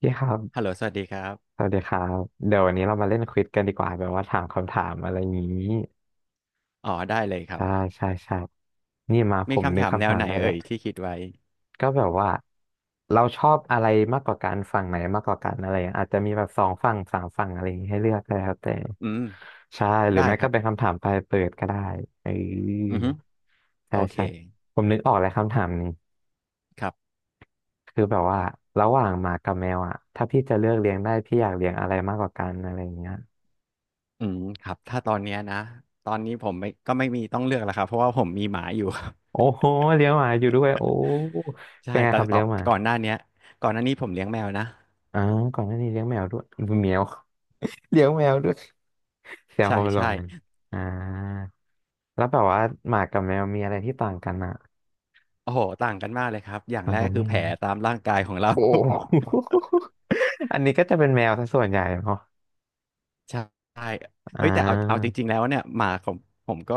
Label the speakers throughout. Speaker 1: พี่ครับ
Speaker 2: ฮัลโหลสวัสดีครั
Speaker 1: ส
Speaker 2: บ
Speaker 1: วัสดีครับ เดี๋ยววันนี้เรามาเล่นควิซกันดีกว่าแบบว่าถามคำถามอะไรอย่างนี้
Speaker 2: อ๋อได้เลยครับ
Speaker 1: ใช่ใช่ใช่นี่มาผ
Speaker 2: มี
Speaker 1: มนึ
Speaker 2: คำ
Speaker 1: ก
Speaker 2: ถามแน
Speaker 1: คำ
Speaker 2: ว
Speaker 1: ถาม
Speaker 2: ไหน
Speaker 1: ได้แห
Speaker 2: เอ่
Speaker 1: ละ
Speaker 2: ยที่คิดไว้
Speaker 1: ก็แบบว่าเราชอบอะไรมากกว่ากันฝั่งไหนมากกว่ากันอะไรอย่างเงี้ยอาจจะมีแบบสองฝั่งสามฝั่งอะไรอย่างงี้ให้เลือกก็แล้วแต่
Speaker 2: อืม
Speaker 1: ใช่หรือ
Speaker 2: ได้
Speaker 1: ไม่
Speaker 2: ค
Speaker 1: ก็
Speaker 2: รับ
Speaker 1: เป็นคำถามปลายเปิดก็ได้เอ
Speaker 2: อื
Speaker 1: อ
Speaker 2: อฮึ
Speaker 1: ใช่
Speaker 2: โอเค
Speaker 1: ใช่ผมนึกออกแล้วคำถามนี้
Speaker 2: ครับ
Speaker 1: คือแบบว่าระหว่างหมากับแมวอ่ะถ้าพี่จะเลือกเลี้ยงได้พี่อยากเลี้ยงอะไรมากกว่ากันอะไรอย่างเงี้ย
Speaker 2: อืมครับถ้าตอนเนี้ยนะตอนนี้ผมไม่ก็ไม่มีต้องเลือกแล้วครับเพราะว่าผมมีหมาอยู่
Speaker 1: โอ้โหเลี้ยงหมาอยู่ด้วยโอ้
Speaker 2: ใช่
Speaker 1: เป็นไง
Speaker 2: แต่
Speaker 1: ครับ
Speaker 2: ต่อ
Speaker 1: เลี้ยงหมา
Speaker 2: ก่อนหน้าเนี้ยก่อนหน้านี้ผมเลี้ยงแมวนะ
Speaker 1: อ๋อก่อนหน้านี้เลี้ยงแมวด้วยแมว เลี้ยงแมวด้วยแซว
Speaker 2: ใช่
Speaker 1: เขาไปล
Speaker 2: ใช่
Speaker 1: งกันอ่าแล้วแบบว่าหมากับแมวมีอะไรที่ต่างกันอ่ะ
Speaker 2: โอ้โหต่างกันมากเลยครับอย่าง
Speaker 1: ต่า
Speaker 2: แร
Speaker 1: ง
Speaker 2: ก
Speaker 1: กัน
Speaker 2: ก็คื
Speaker 1: ไม่
Speaker 2: อแผ
Speaker 1: รู้
Speaker 2: ลตามร่างกายของเรา
Speaker 1: โอ้ อันนี้ก็จะเป็นแมวซะส่วนใหญ่เนาะ
Speaker 2: ใช่
Speaker 1: อ่
Speaker 2: เอ้ยแต่เอาจ
Speaker 1: า
Speaker 2: ริงๆแล้วเนี่ยหมาของผมก็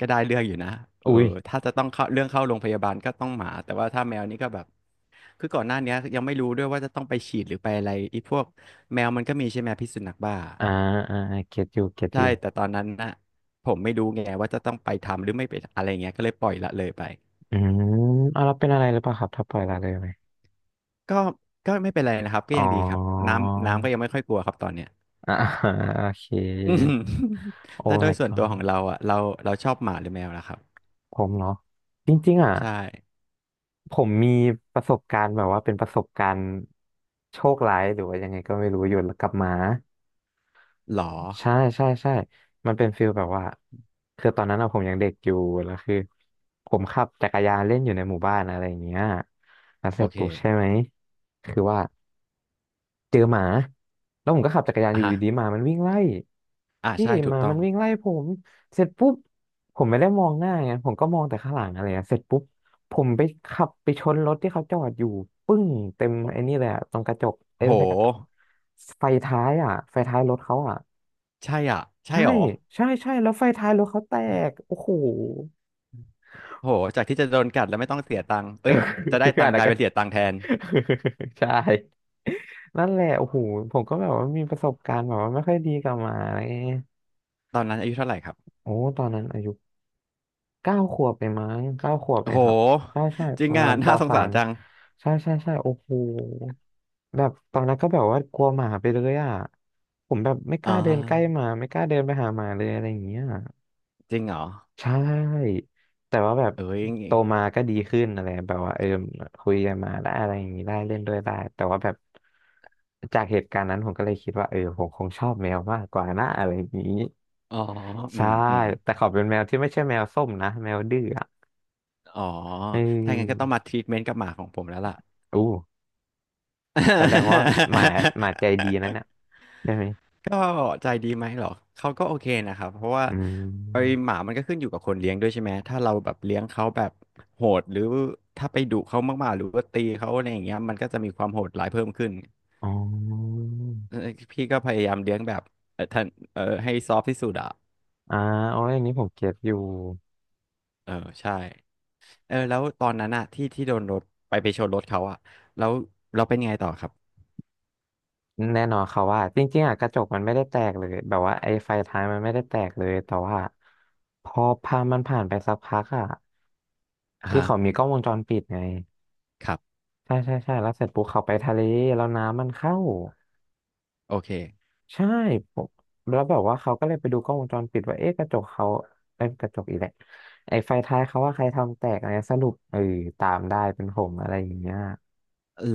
Speaker 2: ได้เรื่องอยู่นะเอ
Speaker 1: อุ้
Speaker 2: อ
Speaker 1: ย
Speaker 2: ถ้าจะต้องเข้าโรงพยาบาลก็ต้องหมาแต่ว่าถ้าแมวนี่ก็แบบคือก่อนหน้าเนี้ยยังไม่รู้ด้วยว่าจะต้องไปฉีดหรือไปอะไรไอีพวกแมวมันก็มีใช่ไหมพิษสุนัขบ้า
Speaker 1: อ่าอ่าเก็ตอยู่เก็ตอ
Speaker 2: ใช่
Speaker 1: ยู่
Speaker 2: แต่ตอนนั้นนะผมไม่รู้ไงว่าจะต้องไปทำหรือไม่ไปอะไรเงี้ยก็เลยปล่อยละเลยไป
Speaker 1: อืมเอาแล้วเป็นอะไรหรือเปล่าครับถ้าปล่อยละเลยไหม
Speaker 2: ก็ไม่เป็นไรนะครับก็
Speaker 1: อ๋อ
Speaker 2: ยังดีครับน้ำก็ยังไม่ค่อยกลัวครับตอนเนี้ย
Speaker 1: อ่าโอเค
Speaker 2: อืม
Speaker 1: โอ้
Speaker 2: แล้วโดย
Speaker 1: my
Speaker 2: ส่วนตัวขอ
Speaker 1: god
Speaker 2: งเราอ่ะเราชอบหมาหรือแมวล่ะครับ
Speaker 1: ผมเนาะจริงๆอ่ะ
Speaker 2: ใช่
Speaker 1: ผมมีประสบการณ์แบบว่าเป็นประสบการณ์โชคร้ายหรือว่ายังไงก็ไม่รู้อยู่กับหมา
Speaker 2: หรอ
Speaker 1: ใช่ใช่ใช่มันเป็นฟิลแบบว่าคือตอนนั้นอะผมยังเด็กอยู่แล้วคือผมขับจักรยานเล่นอยู่ในหมู่บ้านอะไรอย่างเงี้ยแล้วเส
Speaker 2: โอ
Speaker 1: ร็จ
Speaker 2: เค
Speaker 1: ปุ๊บใช่ไหมคือว่าเจอหมาแล้วผมก็ขับจักรยานอ
Speaker 2: อ่ะ
Speaker 1: ยู่
Speaker 2: ฮะ
Speaker 1: ดีๆหมามันวิ่งไล่
Speaker 2: อ่า
Speaker 1: พี่
Speaker 2: ใช่ถู
Speaker 1: ห
Speaker 2: ก
Speaker 1: มา
Speaker 2: ต้อ
Speaker 1: มัน
Speaker 2: ง
Speaker 1: วิ่งไล่ผมเสร็จปุ๊บผมไม่ได้มองหน้าไงผมก็มองแต่ข้างหลังอะไรอะเสร็จปุ๊บผมไปขับไปชนรถที่เขาจอดอยู่ปึ้งเต็มไอ้นี่เลยอะตรงกระจกเอ้ย
Speaker 2: โห
Speaker 1: ไม่ใช่กระจกไฟท้ายอ่ะไฟท้ายรถเขาอ่ะ
Speaker 2: ใช่อ่ะใช่
Speaker 1: ใช่
Speaker 2: หรอ
Speaker 1: ใช่ใช่แล้วไฟท้ายรถเขาแตกโอ้โห
Speaker 2: โหจากที่จะโดนกัดแล้วไม่ต้องเสียตังค์
Speaker 1: เอ
Speaker 2: เอ้
Speaker 1: อ
Speaker 2: ยจะได้ตั
Speaker 1: อั
Speaker 2: ง
Speaker 1: น
Speaker 2: ค์ก
Speaker 1: นั้น
Speaker 2: ลาย
Speaker 1: ก็
Speaker 2: เป็นเสียตังค์แทน
Speaker 1: ใช่นั่นแหละโอ้โหผมก็แบบว่ามีประสบการณ์แบบว่าไม่ค่อยดีกับหมาอะไรเงี้ย
Speaker 2: ตอนนั้นอายุเท่าไหร่ครับ
Speaker 1: โอ้ตอนนั้นอายุ เก้าขวบเองมั้งเก้าขวบเอ
Speaker 2: โห
Speaker 1: งครับใช่ใช่
Speaker 2: จริ
Speaker 1: ป
Speaker 2: ง
Speaker 1: ระ
Speaker 2: อ่ะ
Speaker 1: มาณป
Speaker 2: น่าสง
Speaker 1: สา
Speaker 2: สาร
Speaker 1: ม
Speaker 2: จัง
Speaker 1: ใช่ใช่ใช่โอ้โหแบบตอนนั้นก็แบบว่ากลัวหมาไปเลยอ่ะผมแบบไม่ก
Speaker 2: อ่
Speaker 1: ล้าเดินใกล้ห
Speaker 2: า
Speaker 1: มาไม่กล้าเดินไปหาหมาเลยอะไรอย่างเงี้ย
Speaker 2: จริงเหรอ
Speaker 1: ใช่ แต่ว่าแบบ
Speaker 2: เอ้ย
Speaker 1: โตมาก็ดีขึ้นอะไรแบบว่าเออคุยกันมาได้อะไรอย่างนี้ได้เล่นด้วยได้แต่ว่าแบบจากเหตุการณ์นั้นผมก็เลยคิดว่าเออผมคงชอบแมวมากกว่านะอะไรอย่างนี้
Speaker 2: อ๋ออื
Speaker 1: ใช่
Speaker 2: มอืม
Speaker 1: แต่เขาเป็นแมวที่ไม่ใช่แมวส้มนะแมวดื้อ
Speaker 2: อ๋อ
Speaker 1: เอ
Speaker 2: ถ้างั้นก็ต้อง
Speaker 1: อ
Speaker 2: มาทรีทเมนต์กับหมาของผมแล้วล่ะ
Speaker 1: อู้แสดงว่าหมาหมาใจดีนั่นน่ะ ใช่ไหม
Speaker 2: ก็ใจดีไหมเหรอ เขาก็โอเคนะครับ เพราะว่า
Speaker 1: อื
Speaker 2: ไอ้
Speaker 1: ม
Speaker 2: หมามันก็ขึ้นอยู่กับคนเลี้ยงด้วยใช่ไหม ถ้าเราแบบเลี้ยงเขาแบบโหดหรือถ้าไปดุเขามากๆหรือว่าตีเขาอะไรอย่างเงี้ยมันก็จะมีความโหดร้ายเพิ่มขึ้น
Speaker 1: อ๋อ
Speaker 2: เอ่อพี่ก็พยายามเลี้ยงแบบเออท่านเออให้ซอฟที่สุดอะ
Speaker 1: อ่าโอ้ยอันนี้ผมเก็ตอยู่
Speaker 2: เออใช่เออแล้วตอนนั้นอะที่ที่โดนรถไปชนรถเขาอะแล้วเราเป็นยังไงต่อครับ
Speaker 1: แน่นอนเขาว่าจริงๆอ่ะกระจกมันไม่ได้แตกเลย แบบว่าไอ้ไฟท้ายมันไม่ได้แตกเลย แต่ว่าพอพามันผ่านไปสักพักอ่ะ
Speaker 2: อ่า
Speaker 1: คือ
Speaker 2: ฮะ
Speaker 1: เขามีกล้องวงจรปิดไง
Speaker 2: ครับ
Speaker 1: ใช่ใช่ใช่แล้วเสร็จปุ๊บเขาไปทะเลแล้วน้ำมันเข้า
Speaker 2: โอเค
Speaker 1: ใช่ผมแล้วแบบว่าเขาก็เลยไปดูกล้องวงจรปิดว่าเอ๊ะกระจกเขาเอ้ยกระจกอีกแหละไอ้ไฟท้ายเขาว่าใครทำแตกอะไรสรุปเออตามได้เป็นผมอะไรอย่างเงี้ย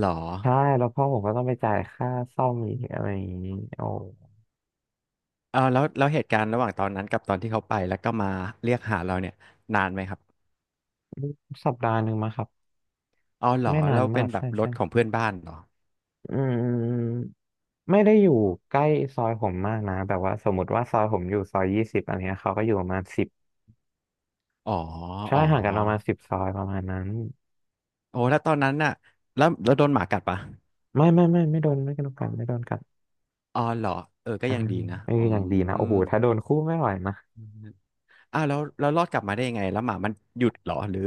Speaker 2: หรอ
Speaker 1: ใช่แล้วพ่อผมก็ต้องไปจ่ายค่าซ่อมอีกอะไรอย่างงี้โอ้
Speaker 2: เออแล้วเหตุการณ์ระหว่างตอนนั้นกับตอนที่เขาไปแล้วก็มาเรียกหาเราเนี่ยนานไหมครับ
Speaker 1: สัปดาห์หนึ่งมาครับ
Speaker 2: อ๋อเหรอ
Speaker 1: ไม่นา
Speaker 2: แล้
Speaker 1: น
Speaker 2: วเป็
Speaker 1: มา
Speaker 2: น
Speaker 1: ก
Speaker 2: แบบ
Speaker 1: ใช่
Speaker 2: รถ
Speaker 1: ใช่
Speaker 2: ของ
Speaker 1: ใช่
Speaker 2: เพื่อนบ้านเหรอ
Speaker 1: อืมอืมอืมไม่ได้อยู่ใกล้ซอยผมมากนะแบบว่าสมมติว่าซอยผมอยู่ซอย 20อะไรเงี้ยเขาก็อยู่ประมาณสิบ
Speaker 2: อ๋อ
Speaker 1: ใช่
Speaker 2: อ๋อ
Speaker 1: ห่างกันประมาณ10 ซอยประมาณนั้น
Speaker 2: โอ้แล้วตอนนั้นน่ะแล้วโดนหมากัดปะ
Speaker 1: ไม่ไม่ไม่ไม่โดนไม่โดนกันไม่โดนกัน
Speaker 2: อ๋อเหรอเออก็
Speaker 1: ใช่
Speaker 2: ยังดีนะ
Speaker 1: เออ
Speaker 2: อื
Speaker 1: อย่างดีนะโอ้โหถ้า
Speaker 2: ม
Speaker 1: โดนคู่ไม่ไหวนะ
Speaker 2: อ้าวแล้วรอดกลับมาได้ยังไงแล้วหมามันหยุดเหรอหรือ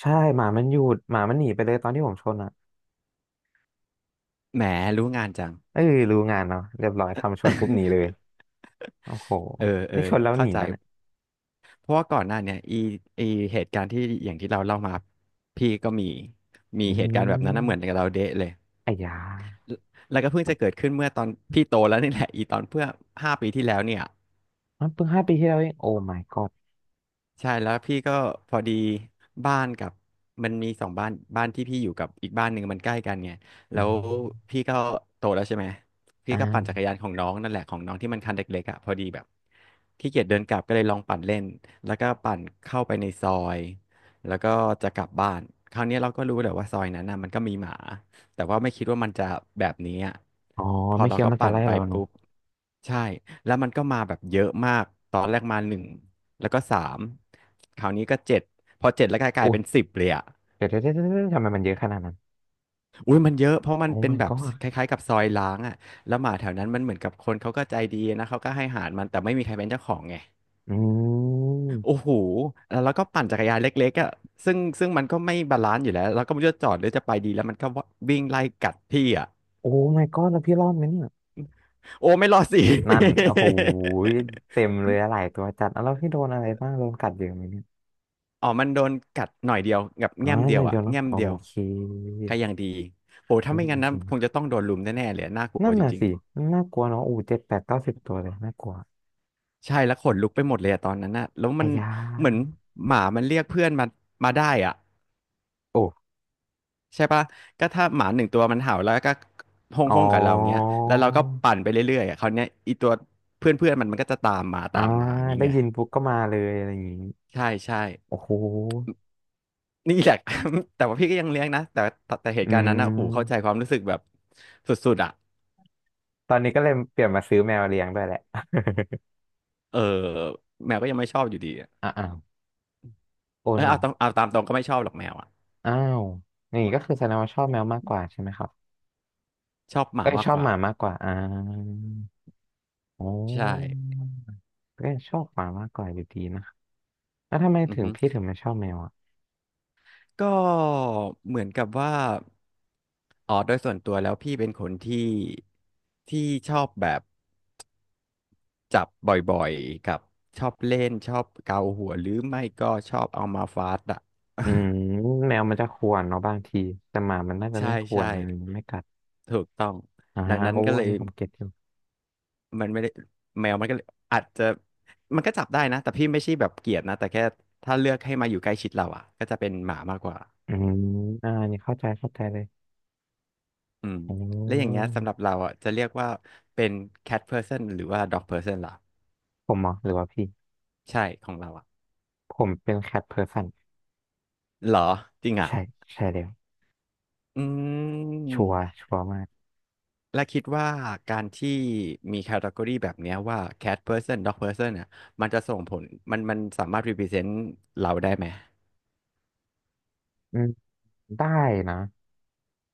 Speaker 1: ใช่หมามันหยุดหมามันหนีไปเลยตอนที่ผมชนอ่ะ
Speaker 2: แหมรู้งานจัง
Speaker 1: เอ้ยรู้งานเนาะเรียบร้อยทำชนปุ๊บหนีเลย โอ้โห
Speaker 2: เออเออ
Speaker 1: นี่ชนแล้วห
Speaker 2: เข้า
Speaker 1: นี
Speaker 2: ใจ
Speaker 1: แล้วเนี่ย
Speaker 2: เพราะว่าก่อนหน้าเนี่ยอีเหตุการณ์ที่อย่างที่เราเล่ามาพี่ก็มี
Speaker 1: อื
Speaker 2: เหตุการณ์แบบนั้นนะเหมือน
Speaker 1: ม
Speaker 2: กับเราเดะเลย
Speaker 1: ไอ้ยา
Speaker 2: แล้วก็เพิ่งจะเกิดขึ้นเมื่อตอนพี่โตแล้วนี่แหละอีตอนเพื่อ5 ปีที่แล้วเนี่ย
Speaker 1: มันเพิ่ง5 ปีที่แล้วเองโอ้ my god
Speaker 2: ใช่แล้วพี่ก็พอดีบ้านกับมันมี2 บ้านบ้านที่พี่อยู่กับอีกบ้านหนึ่งมันใกล้กันไง
Speaker 1: อื
Speaker 2: แล้ว
Speaker 1: ม
Speaker 2: พี่ก็โตแล้วใช่ไหมพี่ก็ปั่นจั
Speaker 1: อ่า
Speaker 2: กรยานของน้องนั่นแหละของน้องที่มันคันเล็กๆอ่ะพอดีแบบขี้เกียจเดินกลับก็เลยลองปั่นเล่นแล้วก็ปั่นเข้าไปในซอยแล้วก็จะกลับบ้านคราวเนี้ยเราก็รู้แหละว่าซอยนั้นน่ะมันก็มีหมาแต่ว่าไม่คิดว่ามันจะแบบนี้อ่ะ
Speaker 1: อ๋อ
Speaker 2: พอ
Speaker 1: ไม่คิ
Speaker 2: เรา
Speaker 1: ด
Speaker 2: ก็
Speaker 1: ว่ามันจะ
Speaker 2: ปั่น
Speaker 1: ไล่
Speaker 2: ไป
Speaker 1: เราเนาะ
Speaker 2: ปุ๊บใช่แล้วมันก็มาแบบเยอะมากตอนแรกมาหนึ่ง แล้วก็3คราวนี้ก็เจ็ดพอเจ็ดแล้วก
Speaker 1: โอ้
Speaker 2: ลาย
Speaker 1: ย
Speaker 2: เป็น10เลยอ่ะ
Speaker 1: เดี๋ยวเดี๋ยวเดี๋ยวเดี๋ยวทำไมมันเยอะขนาดนั้น
Speaker 2: อุ้ยมันเยอะเพราะมั
Speaker 1: โอ้
Speaker 2: นเป็น
Speaker 1: my
Speaker 2: แบบ
Speaker 1: god
Speaker 2: คล้ายๆกับซอยล้างอ่ะแล้วหมาแถวนั้นมันเหมือนกับคนเขาก็ใจดีนะเขาก็ให้อาหารมันแต่ไม่มีใครเป็นเจ้าของไง
Speaker 1: อื
Speaker 2: โอ้
Speaker 1: ม
Speaker 2: โหแล้วเราก็ปั่นจักรยานเล็กๆอ่ะซึ่งมันก็ไม่บาลานซ์อยู่แล้วเราก็ไม่รู้จะจอดหรือจะไปดีแล้วมันก็วิ่งไล่กัดพี่อ่ะ
Speaker 1: โอ้ my god แล้วพี่รอดไหมเนี่ย
Speaker 2: โอ้ไม่รอดสิ
Speaker 1: นั่นโอ้ โหเต็มเลยอะหลายตัวจัดแล้วพี่โดนอะไรบ้างโดนกัดเยอะไหมเนี่ย
Speaker 2: อ๋อมันโดนกัดหน่อยเดียวกับ
Speaker 1: อ่า
Speaker 2: แง้มเดี
Speaker 1: ห
Speaker 2: ย
Speaker 1: น่อ
Speaker 2: ว
Speaker 1: ยเดี
Speaker 2: อ่ะ
Speaker 1: ยวเนาะ
Speaker 2: แง้ม
Speaker 1: โอ
Speaker 2: เดียว
Speaker 1: เค
Speaker 2: ก็ยังดีโอ้
Speaker 1: โอ
Speaker 2: ถ้า
Speaker 1: เค
Speaker 2: ไม่งั้
Speaker 1: จ
Speaker 2: นนะ
Speaker 1: ริงๆ
Speaker 2: ค
Speaker 1: นะ
Speaker 2: งจะต้องโดนลุมแน่ๆเลยน่ากลั
Speaker 1: นั่
Speaker 2: ว
Speaker 1: น
Speaker 2: จ
Speaker 1: น่ะ
Speaker 2: ริง
Speaker 1: สิน่ากลัวเนาะอู้7 8 9 10 ตัวเลยน่ากลัว
Speaker 2: ใช่แล้วขนลุกไปหมดเลยอะตอนนั้นน่ะแล้วมั
Speaker 1: อา
Speaker 2: น
Speaker 1: ยา
Speaker 2: เหมือนหมามันเรียกเพื่อนมามาได้อ่ะ
Speaker 1: โอ้
Speaker 2: ใช่ปะก็ถ้าหมา1 ตัวมันเห่าแล้วก็ห้อง
Speaker 1: อ๋อ
Speaker 2: ห้องกับเราเงี้ยแล้วเราก็ปั่นไปเรื่อยๆอะคราวเนี้ยอีตัวเพื่อนเพื่อนมันก็จะตามมา
Speaker 1: อ่า
Speaker 2: ตามมาอย่างงี้
Speaker 1: ได้
Speaker 2: ไง
Speaker 1: ยินปุ๊บก็มาเลยอะไรอย่างงี้
Speaker 2: ใช่ใช่
Speaker 1: โอ้โห
Speaker 2: นี่แหละ แต่ว่าพี่ก็ยังเลี้ยงนะแต่แต่เห
Speaker 1: อื
Speaker 2: ตุการณ์นั้นอ่ะหูเข้าใจ
Speaker 1: ม
Speaker 2: ความรู้สึกแบบสุดๆอ่ะ
Speaker 1: ตอนนี้ก็เลยเปลี่ยนมาซื้อแมวเลี้ยงด้วยแหละ
Speaker 2: เออแมวก็ยังไม่ชอบอยู่ดีอะ
Speaker 1: อ้าวโอ้
Speaker 2: เออ
Speaker 1: โน
Speaker 2: เอาตามตรงก็ไม่ชอบหรอกแมวอ่ะ
Speaker 1: อ้าวอย่างงี้ก็คือแสดงว่าชอบแมวมากกว่าใช่ไหมครับ
Speaker 2: ชอบหมา
Speaker 1: เอ้ย
Speaker 2: มา
Speaker 1: ช
Speaker 2: ก
Speaker 1: อ
Speaker 2: ก
Speaker 1: บห
Speaker 2: ว่า
Speaker 1: มามากกว่าอ่าโอ้
Speaker 2: ใช่
Speaker 1: ก็ยังชอบหมามากกว่าอยู่ดีนะ แล้วทำไม
Speaker 2: อือ
Speaker 1: ถึง
Speaker 2: ฮึ
Speaker 1: พี่ถึงไม่ชอบแมวอ่ะ
Speaker 2: ก็เหมือนกับว่าโดยส่วนตัวแล้วพี่เป็นคนที่ที่ชอบแบบจับบ่อยๆกับชอบเล่นชอบเกาหัวหรือไม่ก็ชอบเอามาฟาดอ่ะ
Speaker 1: อืมแมวมันจะข่วนเนาะบางทีแต่หมามันน่า จะ
Speaker 2: ใช่
Speaker 1: ไม่ข่ว
Speaker 2: ใช่
Speaker 1: นนะมันไม่กัด
Speaker 2: ถูกต้อง
Speaker 1: อ่า
Speaker 2: ดังนั้น
Speaker 1: โอ้
Speaker 2: ก็เล
Speaker 1: อัน
Speaker 2: ย
Speaker 1: นี้ผมเก็ตอยู่
Speaker 2: มันไม่ได้แมวมันก็เลยอาจจะมันก็จับได้นะแต่พี่ไม่ใช่แบบเกลียดนะแต่แค่ถ้าเลือกให้มาอยู่ใกล้ชิดเราอ่ะก็จะเป็นหมามากกว่า
Speaker 1: อืมอ่าอันนี่เข้าใจเข้าใจเลย
Speaker 2: อืม
Speaker 1: อ๋
Speaker 2: แล้วอย่าง
Speaker 1: อ
Speaker 2: เงี้ยสำหรับเราอ่ะจะเรียกว่าเป็น cat person หรือว่า dog person ล่ะ
Speaker 1: ผมเหรอหรือว่าพี่
Speaker 2: ใช่ของเราอ่ะ
Speaker 1: ผมเป็นแคทเพอร์สัน
Speaker 2: เหรอจริงอ่ะ
Speaker 1: ใช่ใช่แล้ว
Speaker 2: อื
Speaker 1: ชัวร์
Speaker 2: ม
Speaker 1: ชัวร์มาก
Speaker 2: และคิดว่าการที่มีแคตตากรีแบบเนี้ยว่า cat person dog person เนี่ยมันจะส่งผลมันสามารถ represent เราได้ไหม
Speaker 1: อืมได้นะ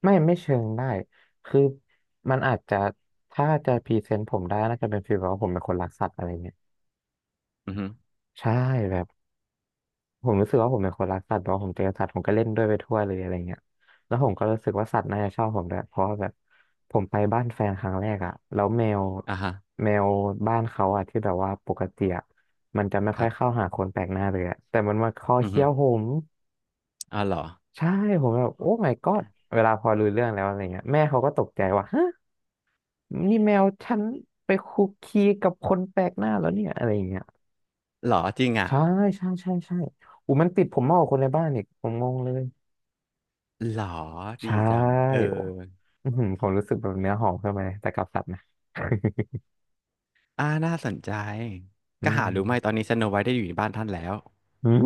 Speaker 1: ไม่เชิงได้คือมันอาจจะถ้าจะพรีเซนต์ผมได้น่าจะเป็นฟีลแบบว่าผมเป็นคนรักสัตว์อะไรเงี้ย
Speaker 2: อือฮึ
Speaker 1: ใช่แบบ ผมรู้สึกว่าผมเป็นคนรักสัตว์เนาะผมเจอสัตว์ผมก็เล่นด้วยไปทั่วเลยอะไรเงี้ยแล้วผมก็รู้สึกว่าสัตว์น่าจะชอบผมด้วยเพราะว่าแบบผมไปบ้านแฟนครั้งแรกอะ แล้วแมว
Speaker 2: อ่าฮะ
Speaker 1: แมวบ้านเขาอะที่แบบว่าปกติอะมันจะไม่
Speaker 2: ค
Speaker 1: ค่อ
Speaker 2: รั
Speaker 1: ย
Speaker 2: บ
Speaker 1: เข้าหาคนแปลกหน้าเลยอะแต่มันมาคอ
Speaker 2: อือ
Speaker 1: เคี้
Speaker 2: ฮึ
Speaker 1: ยวผม
Speaker 2: อ่าเหรอ
Speaker 1: ใช่ผมแบบโอ้ my god เวลาพอรู้เรื่องแล้วอะไรเงี้ยแม่เขาก็ตกใจว่าฮะนี่แมวฉันไปคุกคีกับคนแปลกหน้าแล้วเนี่ยอะไรเงี้ย
Speaker 2: เหรอจริงอ่ะ
Speaker 1: ใช่ใช่ใช่ใช่อูมันติดผมมากกว่าคนในบ้านอีกผมงงเลย
Speaker 2: เหรอดี
Speaker 1: ใช่
Speaker 2: จังเออ
Speaker 1: โอ้อื้อหือผมรู้สึกแบบเนื้อหอมขึ้นมาเลยแต่กับสัตว์นะ
Speaker 2: อ่าน่าสนใจ
Speaker 1: อื
Speaker 2: ก็หารู้ไหมตอน
Speaker 1: ม
Speaker 2: นี้สโนไวท์ได้อยู่ในบ้านท่านแล้ว
Speaker 1: อืม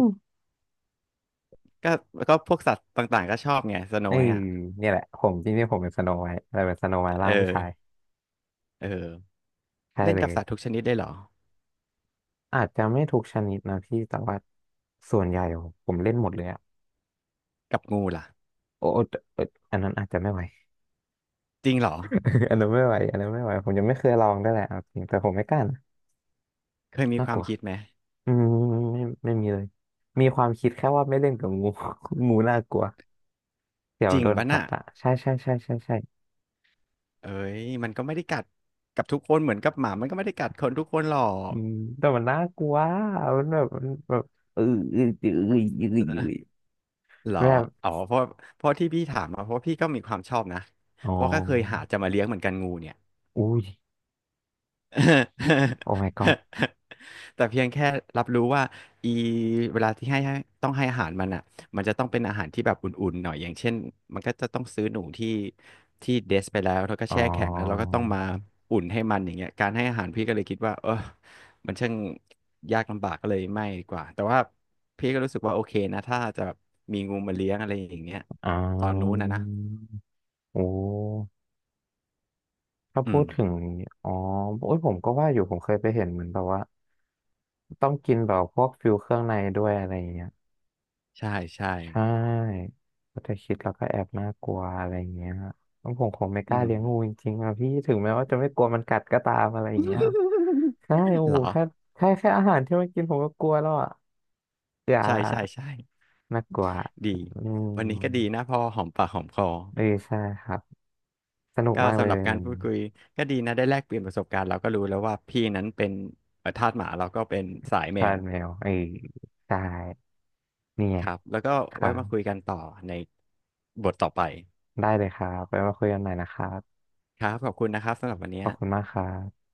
Speaker 2: ก็ก็พวกสัตว์ต่างๆก็ชอบไงสโน
Speaker 1: เออ
Speaker 2: ไวท์อ่ะ
Speaker 1: เนี่ยแหละผมจริงๆผมเป็นสโนไวท์แต่เป็นสโนไวท์
Speaker 2: เอ
Speaker 1: ร่า
Speaker 2: อ
Speaker 1: งผู้ชาย
Speaker 2: เออ
Speaker 1: ใช่
Speaker 2: เล่น
Speaker 1: เล
Speaker 2: กับ
Speaker 1: ย
Speaker 2: สัตว์ทุกชนิดได้เหรอ
Speaker 1: อาจจะไม่ทุกชนิดนะพี่แต่ว่าส่วนใหญ่ผมเล่นหมดเลยอะ
Speaker 2: กับงูล่ะ
Speaker 1: โอ้แต่เอออันนั้นอาจจะไม่ไหว
Speaker 2: จริงเหรอ
Speaker 1: อันนั้นไม่ไหวอันนั้นไม่ไหวผมยังไม่เคยลองได้วยแหละเอาจริงแต่ผมไม่กล้านะ
Speaker 2: เคยมี
Speaker 1: น่า
Speaker 2: ค
Speaker 1: ก
Speaker 2: วาม
Speaker 1: ลัว
Speaker 2: คิดไหม
Speaker 1: อืมไม่มีเลยมีความคิดแค่ว่าไม่เล่นกับงู งูน่ากลัวเดี๋ยว
Speaker 2: จริง
Speaker 1: โดน
Speaker 2: ปะ
Speaker 1: กั
Speaker 2: น่ะ
Speaker 1: ดอ่ะใช่ใช่ใช่ใช่ใช่
Speaker 2: เอ้ย มันก็ไม่ได้กัดกับทุกคนเหมือนกับหมามันก็ไม่ได้กัดคนทุกคนหรอ
Speaker 1: อื
Speaker 2: ก
Speaker 1: มแต่มันน่ากลัวมันแบบมันแบบเออเออเออเออเออเออ
Speaker 2: เหรอ
Speaker 1: แบบ
Speaker 2: อ๋อเพราะเพราะที่พี่ถามมาเพราะพี่ก็มีความชอบนะ
Speaker 1: อ๋อ
Speaker 2: เพราะก็เคยหาจะมาเลี้ยงเหมือนกันงูเนี่ย
Speaker 1: อุ้ย โอ้ my god
Speaker 2: แต่เพียงแค่รับรู้ว่าอีเวลาที่ให้ต้องให้อาหารมันอ่ะมันจะต้องเป็นอาหารที่แบบอุ่นๆหน่อยอย่างเช่นมันก็จะต้องซื้อหนูที่เดสไปแล้วแล้วก็
Speaker 1: อ๋อ
Speaker 2: แช่แข็งแล้วเราก็ต้องมาอุ่นให้มันอย่างเงี้ยการให้อาหารพี่ก็เลยคิดว่าเออมันช่างยากลำบากก็เลยไม่ดีกว่าแต่ว่าพี่ก็รู้สึกว่าโอเคนะถ้าจะแบบมีงูมาเลี้ยงอะไรอย่างเงี้ย
Speaker 1: อ๋
Speaker 2: ตอนนู้น
Speaker 1: อ
Speaker 2: นะนะ
Speaker 1: โอ้ถ้า
Speaker 2: อื
Speaker 1: พู
Speaker 2: ม
Speaker 1: ดถึงอ๋อโอ้ยผมก็ว่าอยู่ผมเคยไปเห็นเหมือนแบบว่าต้องกินแบบพวกฟิวเครื่องในด้วยอะไรอย่างเงี้ย
Speaker 2: ใช่ใช่
Speaker 1: ใช่ก็จะคิดแล้วก็แอบน่ากลัวอะไรอย่างเงี้ยแล้วผมคงไม่ก
Speaker 2: อื
Speaker 1: ล้า
Speaker 2: ม
Speaker 1: เลี้ยงงูจริงๆอะพี่ถึงแม้ว่าจะไม่กลัวมันกัดก็ตามอะไรอย่างเงี้ย ใช่โอ้
Speaker 2: เห
Speaker 1: โห
Speaker 2: รอ
Speaker 1: แค่แค่อาหารที่มันกินผมก็กลัวแล้วอะอย่า
Speaker 2: ใช่ใช่ใช่
Speaker 1: น่ากลัว
Speaker 2: ดี
Speaker 1: อื
Speaker 2: วัน
Speaker 1: ม
Speaker 2: นี้ก็ดีนะพอหอมปากหอมคอ
Speaker 1: เออใช่ครับสนุก
Speaker 2: ก็
Speaker 1: มากเล
Speaker 2: สำห
Speaker 1: ย
Speaker 2: รับการพูดคุยก็ดีนะได้แลกเปลี่ยนประสบการณ์เราก็รู้แล้วว่าพี่นั้นเป็นทาสหมาเราก็เป็นสายแม
Speaker 1: ทา
Speaker 2: ว
Speaker 1: นแมวเออใช่เนี่ย
Speaker 2: ครับแล้วก็
Speaker 1: ครั
Speaker 2: ไว้
Speaker 1: บ
Speaker 2: มาคุยกันต่อในบทต่อไป
Speaker 1: ได้เลยครับไปมาคุยกันใหม่นะครับ
Speaker 2: ครับขอบคุณนะครับสำหรับวัน
Speaker 1: ข
Speaker 2: นี้
Speaker 1: อบคุณมากครับ